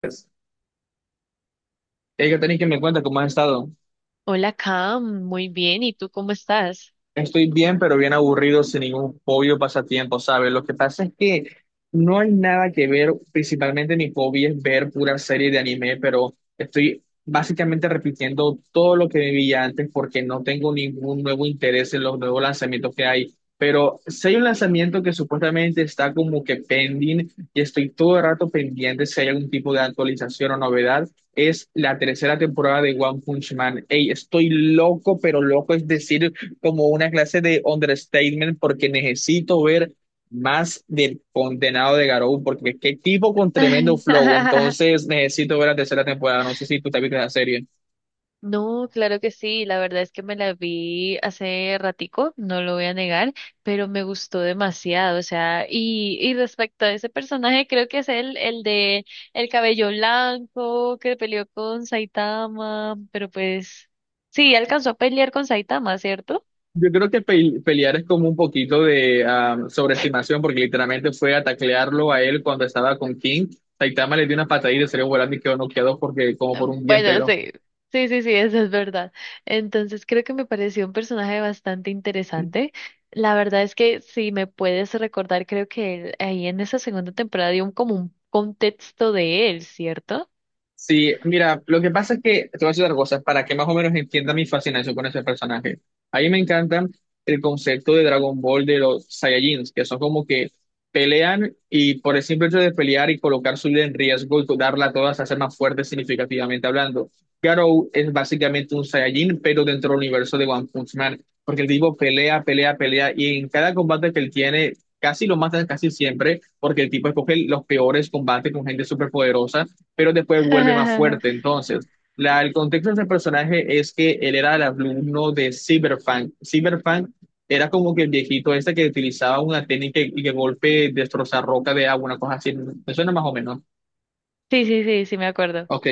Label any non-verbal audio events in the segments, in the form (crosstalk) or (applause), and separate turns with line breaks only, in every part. Pues, Erika, tenéis que me cuenta cómo has estado.
Hola, Cam, muy bien. ¿Y tú cómo estás?
Estoy bien, pero bien aburrido, sin ningún hobby o pasatiempo, ¿sabes? Lo que pasa es que no hay nada que ver, principalmente mi hobby es ver pura serie de anime, pero estoy básicamente repitiendo todo lo que vivía antes porque no tengo ningún nuevo interés en los nuevos lanzamientos que hay. Pero si hay un lanzamiento que supuestamente está como que pending y estoy todo el rato pendiente si hay algún tipo de actualización o novedad, es la tercera temporada de One Punch Man. Ey, estoy loco, pero loco, es decir, como una clase de understatement porque necesito ver más del condenado de Garou, porque qué tipo con tremendo flow,
(laughs)
entonces necesito ver la tercera temporada, no sé si tú te viste la serie.
No, claro que sí. La verdad es que me la vi hace ratico, no lo voy a negar, pero me gustó demasiado. O sea, y respecto a ese personaje, creo que es el de el cabello blanco que peleó con Saitama, pero pues sí, alcanzó a pelear con Saitama, ¿cierto?
Yo creo que pelear es como un poquito de sobreestimación, porque literalmente fue a taclearlo a él cuando estaba con King. Saitama le dio una patadita y salió volando y quedó noqueado porque, como por un día
Bueno,
entero.
sí, sí, sí, sí, eso es verdad. Entonces creo que me pareció un personaje bastante interesante. La verdad es que si me puedes recordar, creo que él, ahí en esa segunda temporada como un contexto de él, ¿cierto?
Sí, mira, lo que pasa es que, te voy a decir otra cosa, para que más o menos entienda mi fascinación con ese personaje. A mí me encanta el concepto de Dragon Ball de los Saiyajins, que son como que pelean y por el simple hecho de pelear y colocar su vida en riesgo y darla a todas, hacer más fuerte significativamente hablando. Garou es básicamente un Saiyajin, pero dentro del universo de One Punch Man, porque el tipo pelea, pelea, pelea, y en cada combate que él tiene, casi lo matan casi siempre, porque el tipo escoge los peores combates con gente superpoderosa pero después vuelve más fuerte.
(laughs)
Entonces, el contexto de ese personaje es que él era el alumno de Cyberpunk. Cyberpunk era como que el viejito este que utilizaba una técnica y que golpe destrozar roca de agua, una cosa así. Me suena más o menos.
Sí, sí, sí, sí, me acuerdo.
Ok,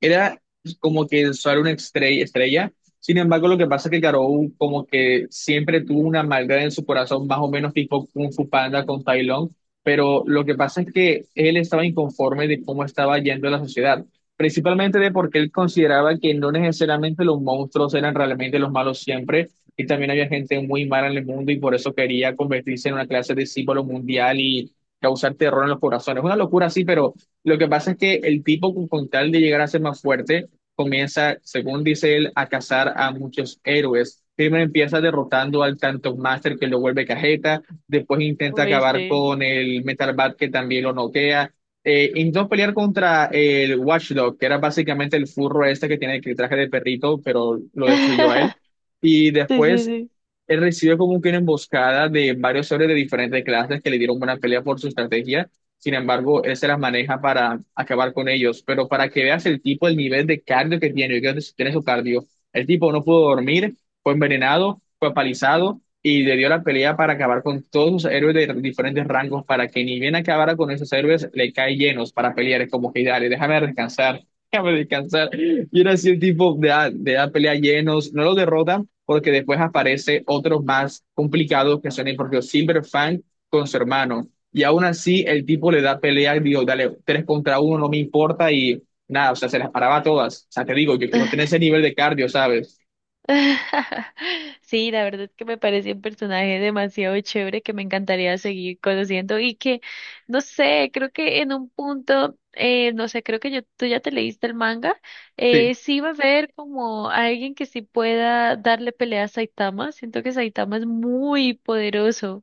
era como que el sol era una estrella, Sin embargo, lo que pasa es que Garou como que siempre tuvo una maldad en su corazón, más o menos tipo Kung Fu Panda con Tai Lung, pero lo que pasa es que él estaba inconforme de cómo estaba yendo la sociedad, principalmente de porque él consideraba que no necesariamente los monstruos eran realmente los malos siempre, y también había gente muy mala en el mundo y por eso quería convertirse en una clase de símbolo mundial y causar terror en los corazones. Una locura así, pero... Lo que pasa es que el tipo, con tal de llegar a ser más fuerte, comienza, según dice él, a cazar a muchos héroes. Primero empieza derrotando al Tanto Master que lo vuelve cajeta, después intenta
Uy,
acabar
sí.
con el Metal Bat que también lo noquea. Intentó pelear contra el Watchdog, que era básicamente el furro este que tiene el traje de perrito, pero lo destruyó a él.
(laughs)
Y
Sí, sí,
después
sí.
él recibe como que una emboscada de varios héroes de diferentes clases que le dieron buena pelea por su estrategia, sin embargo, él se las maneja para acabar con ellos. Pero para que veas el tipo, el nivel de cardio que tiene, yo creo que tiene su cardio. El tipo no pudo dormir, fue envenenado, fue apalizado y le dio la pelea para acabar con todos sus héroes de diferentes rangos para que ni bien acabara con esos héroes, le cae llenos para pelear. Es como que dale, déjame descansar, (laughs) déjame descansar. Y era así el tipo de la pelea llenos, no lo derrota porque después aparece otros más complicados que son el propio Silver Fang con su hermano. Y aún así, el tipo le da pelea, y digo, dale, tres contra uno, no me importa y nada, o sea, se las paraba todas. O sea, te digo, yo quiero tener
(laughs)
ese nivel de cardio, ¿sabes?
(laughs) Sí, la verdad es que me parece un personaje demasiado chévere que me encantaría seguir conociendo y que, no sé, creo que en un punto, no sé, tú ya te leíste el manga, sí va a haber como alguien que sí pueda darle pelea a Saitama. Siento que Saitama es muy poderoso,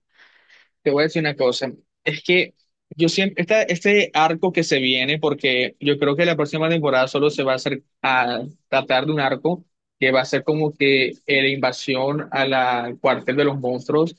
Te voy a decir una cosa, es que yo siempre, esta, este arco que se viene, porque yo creo que la próxima temporada solo se va a hacer a tratar de un arco que va a ser como que la invasión a la al cuartel de los monstruos.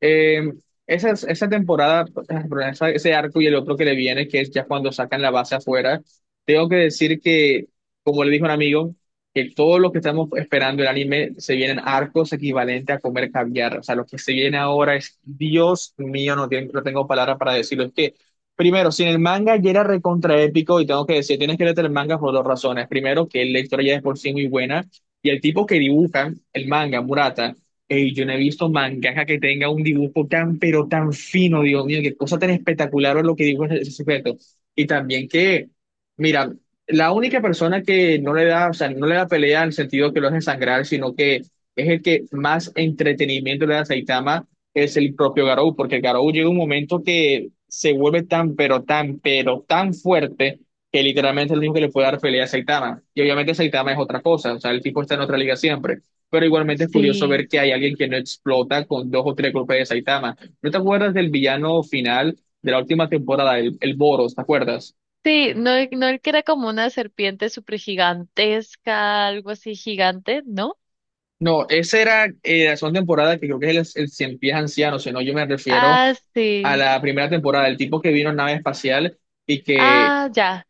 Eh, esa temporada, perdón, ese arco y el otro que le viene, que es ya cuando sacan la base afuera, tengo que decir que, como le dijo un amigo, que todo lo que estamos esperando el anime se vienen arcos equivalentes a comer caviar. O sea, lo que se viene ahora es, Dios mío, no, no tengo palabras para decirlo. Es que, primero, si en el manga ya era recontra épico, y tengo que decir, tienes que leer el manga por dos razones. Primero, que la historia ya es por sí muy buena, y el tipo que dibuja el manga, Murata, ey, yo no he visto mangaka que tenga un dibujo tan, pero tan fino, Dios mío, qué cosa tan espectacular es lo que dibuja ese sujeto. Y también que... Mira, la única persona que no le da, o sea, no le da pelea en el sentido que lo hace sangrar, sino que es el que más entretenimiento le da a Saitama, es el propio Garou, porque Garou llega un momento que se vuelve tan, pero tan, pero tan fuerte que literalmente es el único que le puede dar pelea a Saitama. Y obviamente Saitama es otra cosa, o sea, el tipo está en otra liga siempre. Pero igualmente es curioso
sí.
ver que hay alguien que no explota con dos o tres golpes de Saitama. ¿No te acuerdas del villano final de la última temporada, el Boros, te acuerdas?
Sí, no, no el que era como una serpiente súper gigantesca, algo así gigante, ¿no?
No, esa era la segunda temporada que creo que es el Cien Pies Anciano, si no, yo me refiero
Ah,
a
sí.
la primera temporada, el tipo que vino en nave espacial y que
Ah, ya.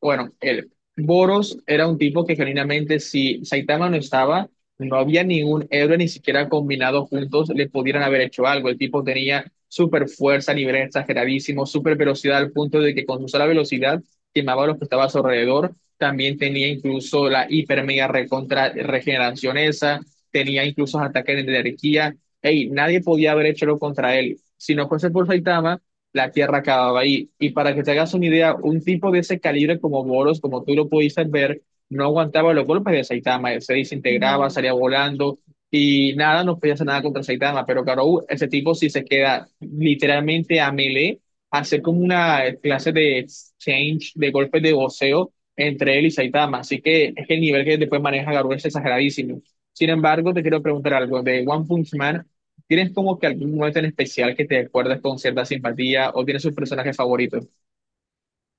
bueno, el Boros era un tipo que genuinamente si Saitama no estaba, no había ningún héroe ni siquiera combinado juntos le pudieran haber hecho algo. El tipo tenía super fuerza a nivel exageradísimo, super velocidad al punto de que con su sola velocidad quemaba a los que estaban a su alrededor. También tenía incluso la hiper mega recontra regeneración esa, tenía incluso ataques de energía. Ey, nadie podía haber hecho lo contra él. Si no fuese por Saitama, la tierra acababa ahí. Y para que te hagas una idea, un tipo de ese calibre como Boros, como tú lo pudiste ver, no aguantaba los golpes de Saitama, se desintegraba,
No.
salía volando y nada, no podía hacer nada contra Saitama. Pero Garou, ese tipo si se queda literalmente a melee, hacer como una clase de exchange, de golpes de voceo entre él y Saitama. Así que es que el nivel que después maneja Garou es exageradísimo. Sin embargo, te quiero preguntar algo de One Punch Man. ¿Tienes como que algún momento en especial que te acuerdas con cierta simpatía o tienes sus personajes favoritos?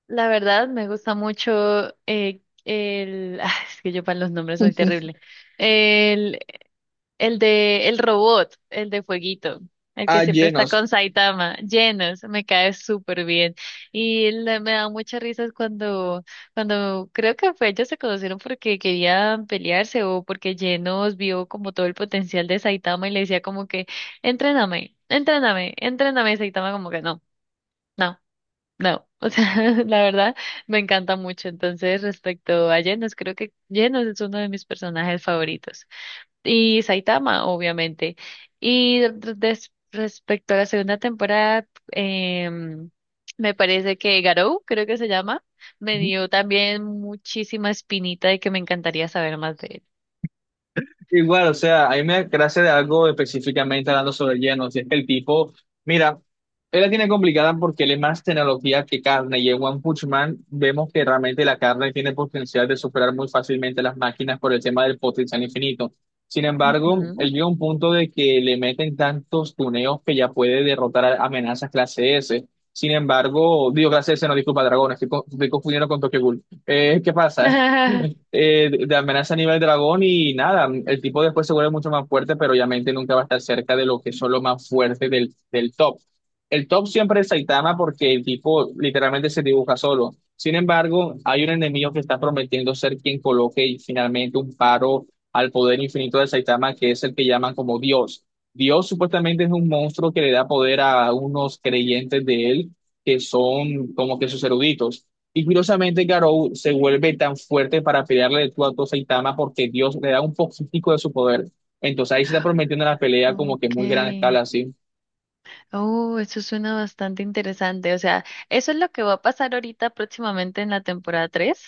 La verdad, me gusta mucho el... (laughs) ah, es que yo para los nombres soy
(laughs)
terrible. El, el de el robot, el de Fueguito, el que
Ah,
siempre está
llenos.
con Saitama, llenos, me cae súper bien. Me da muchas risas cuando, cuando creo que fue, ellos se conocieron porque querían pelearse o porque llenos vio como todo el potencial de Saitama y le decía como que, entréname, entréname, entréname, y Saitama como que no. No. No, o sea, (laughs) la verdad me encanta mucho. Entonces, respecto a Genos, creo que Genos es uno de mis personajes favoritos. Y Saitama, obviamente. Y respecto a la segunda temporada, em, me parece que Garou, creo que se llama, me dio también muchísima espinita de que me encantaría saber más de él.
Igual, o sea, a mí me gracia de algo específicamente hablando sobre lleno, si es que el tipo, mira, él la tiene complicada porque él es más tecnología que carne, y en One Punch Man vemos que realmente la carne tiene potencial de superar muy fácilmente las máquinas por el tema del potencial infinito. Sin embargo,
Ujú.
él llega a un punto de que le meten tantos tuneos que ya puede derrotar a amenazas clase S. Sin embargo, digo clase S, no disculpa, dragón, estoy, estoy confundiendo con Tokyo Ghoul. ¿Qué pasa? (laughs)
(laughs)
De amenaza a nivel dragón y nada, el tipo después se vuelve mucho más fuerte, pero obviamente nunca va a estar cerca de lo que son los más fuertes del top. El top siempre es Saitama porque el tipo literalmente se dibuja solo. Sin embargo, hay un enemigo que está prometiendo ser quien coloque finalmente un paro al poder infinito de Saitama, que es el que llaman como Dios. Dios supuestamente es un monstruo que le da poder a unos creyentes de él, que son como que sus eruditos. Y curiosamente, Garou se vuelve tan fuerte para pelearle de tú a tú a Saitama porque Dios le da un poquitico de su poder. Entonces ahí se está prometiendo una pelea como que
Ok.
muy gran escala, así.
Oh, eso suena bastante interesante. O sea, ¿eso es lo que va a pasar ahorita próximamente en la temporada 3?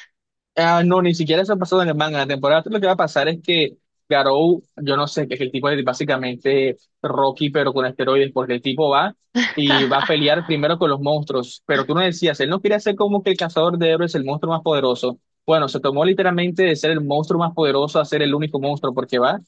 Ah, no, ni siquiera eso ha pasado en el manga. En la temporada tres lo que va a pasar es que Garou, yo no sé, que es el tipo de básicamente Rocky, pero con esteroides, porque el tipo va y va a
(laughs)
pelear primero con los monstruos. Pero tú no decías, él no quiere ser como que el cazador de héroes, el monstruo más poderoso. Bueno, se tomó literalmente de ser el monstruo más poderoso a ser el único monstruo, porque va,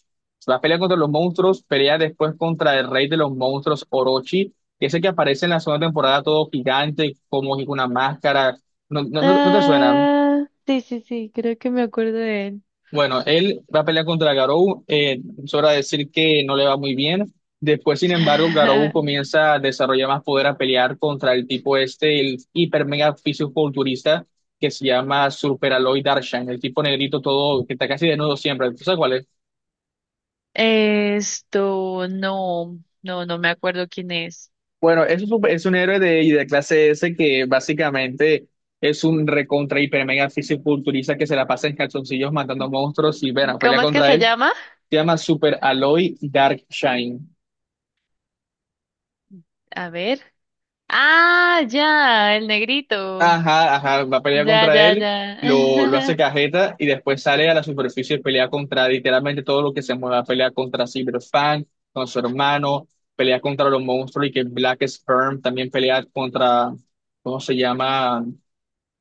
va a pelear contra los monstruos, pelea después contra el rey de los monstruos, Orochi, que es el que aparece en la segunda temporada todo gigante, como con una máscara. No, no, no, te suena.
Ah, sí, sí, sí, creo que me acuerdo de él.
Bueno, él va a pelear contra Garou, es hora de decir que no le va muy bien. Después, sin embargo, Garou
(laughs)
comienza a desarrollar más poder a pelear contra el tipo este, el hiper mega fisiculturista que se llama Super Aloy Darshan, el tipo negrito todo, que está casi desnudo siempre. ¿Tú sabes cuál es?
Esto, no, no, no me acuerdo quién es.
Bueno, es un héroe de, y de clase S que básicamente es un recontra hiper mega fisiculturista que se la pasa en calzoncillos matando monstruos y, bueno, pelea
¿Cómo es que
contra
se
él.
llama?
Se llama Super Aloy Darkshine.
A ver. Ah, ya, el negrito.
Ajá, ajá, va a pelear
Ya,
contra
ya, ya.
él, lo hace cajeta y después sale a la superficie y pelea contra literalmente todo lo que se mueva. Pelea contra Cyberpunk, con su hermano, pelea contra los monstruos y que Black Sperm también pelea contra, ¿cómo se llama?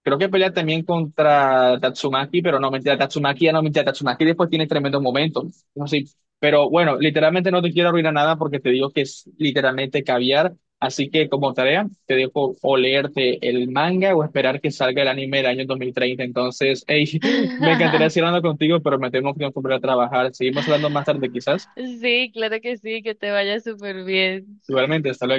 Creo que pelea también contra Tatsumaki, pero no, mentira, Tatsumaki ya no, mentira, Tatsumaki después tiene tremendos momentos. No sé, pero bueno, literalmente no te quiero arruinar nada porque te digo que es literalmente caviar. Así que como tarea, te dejo o leerte el manga o esperar que salga el anime del año 2030. Entonces, hey, (laughs) me encantaría seguir
(laughs)
hablando contigo, pero me tengo que volver a trabajar. Seguimos hablando más tarde quizás.
Sí, claro que sí, que te vaya súper bien.
Igualmente, hasta luego.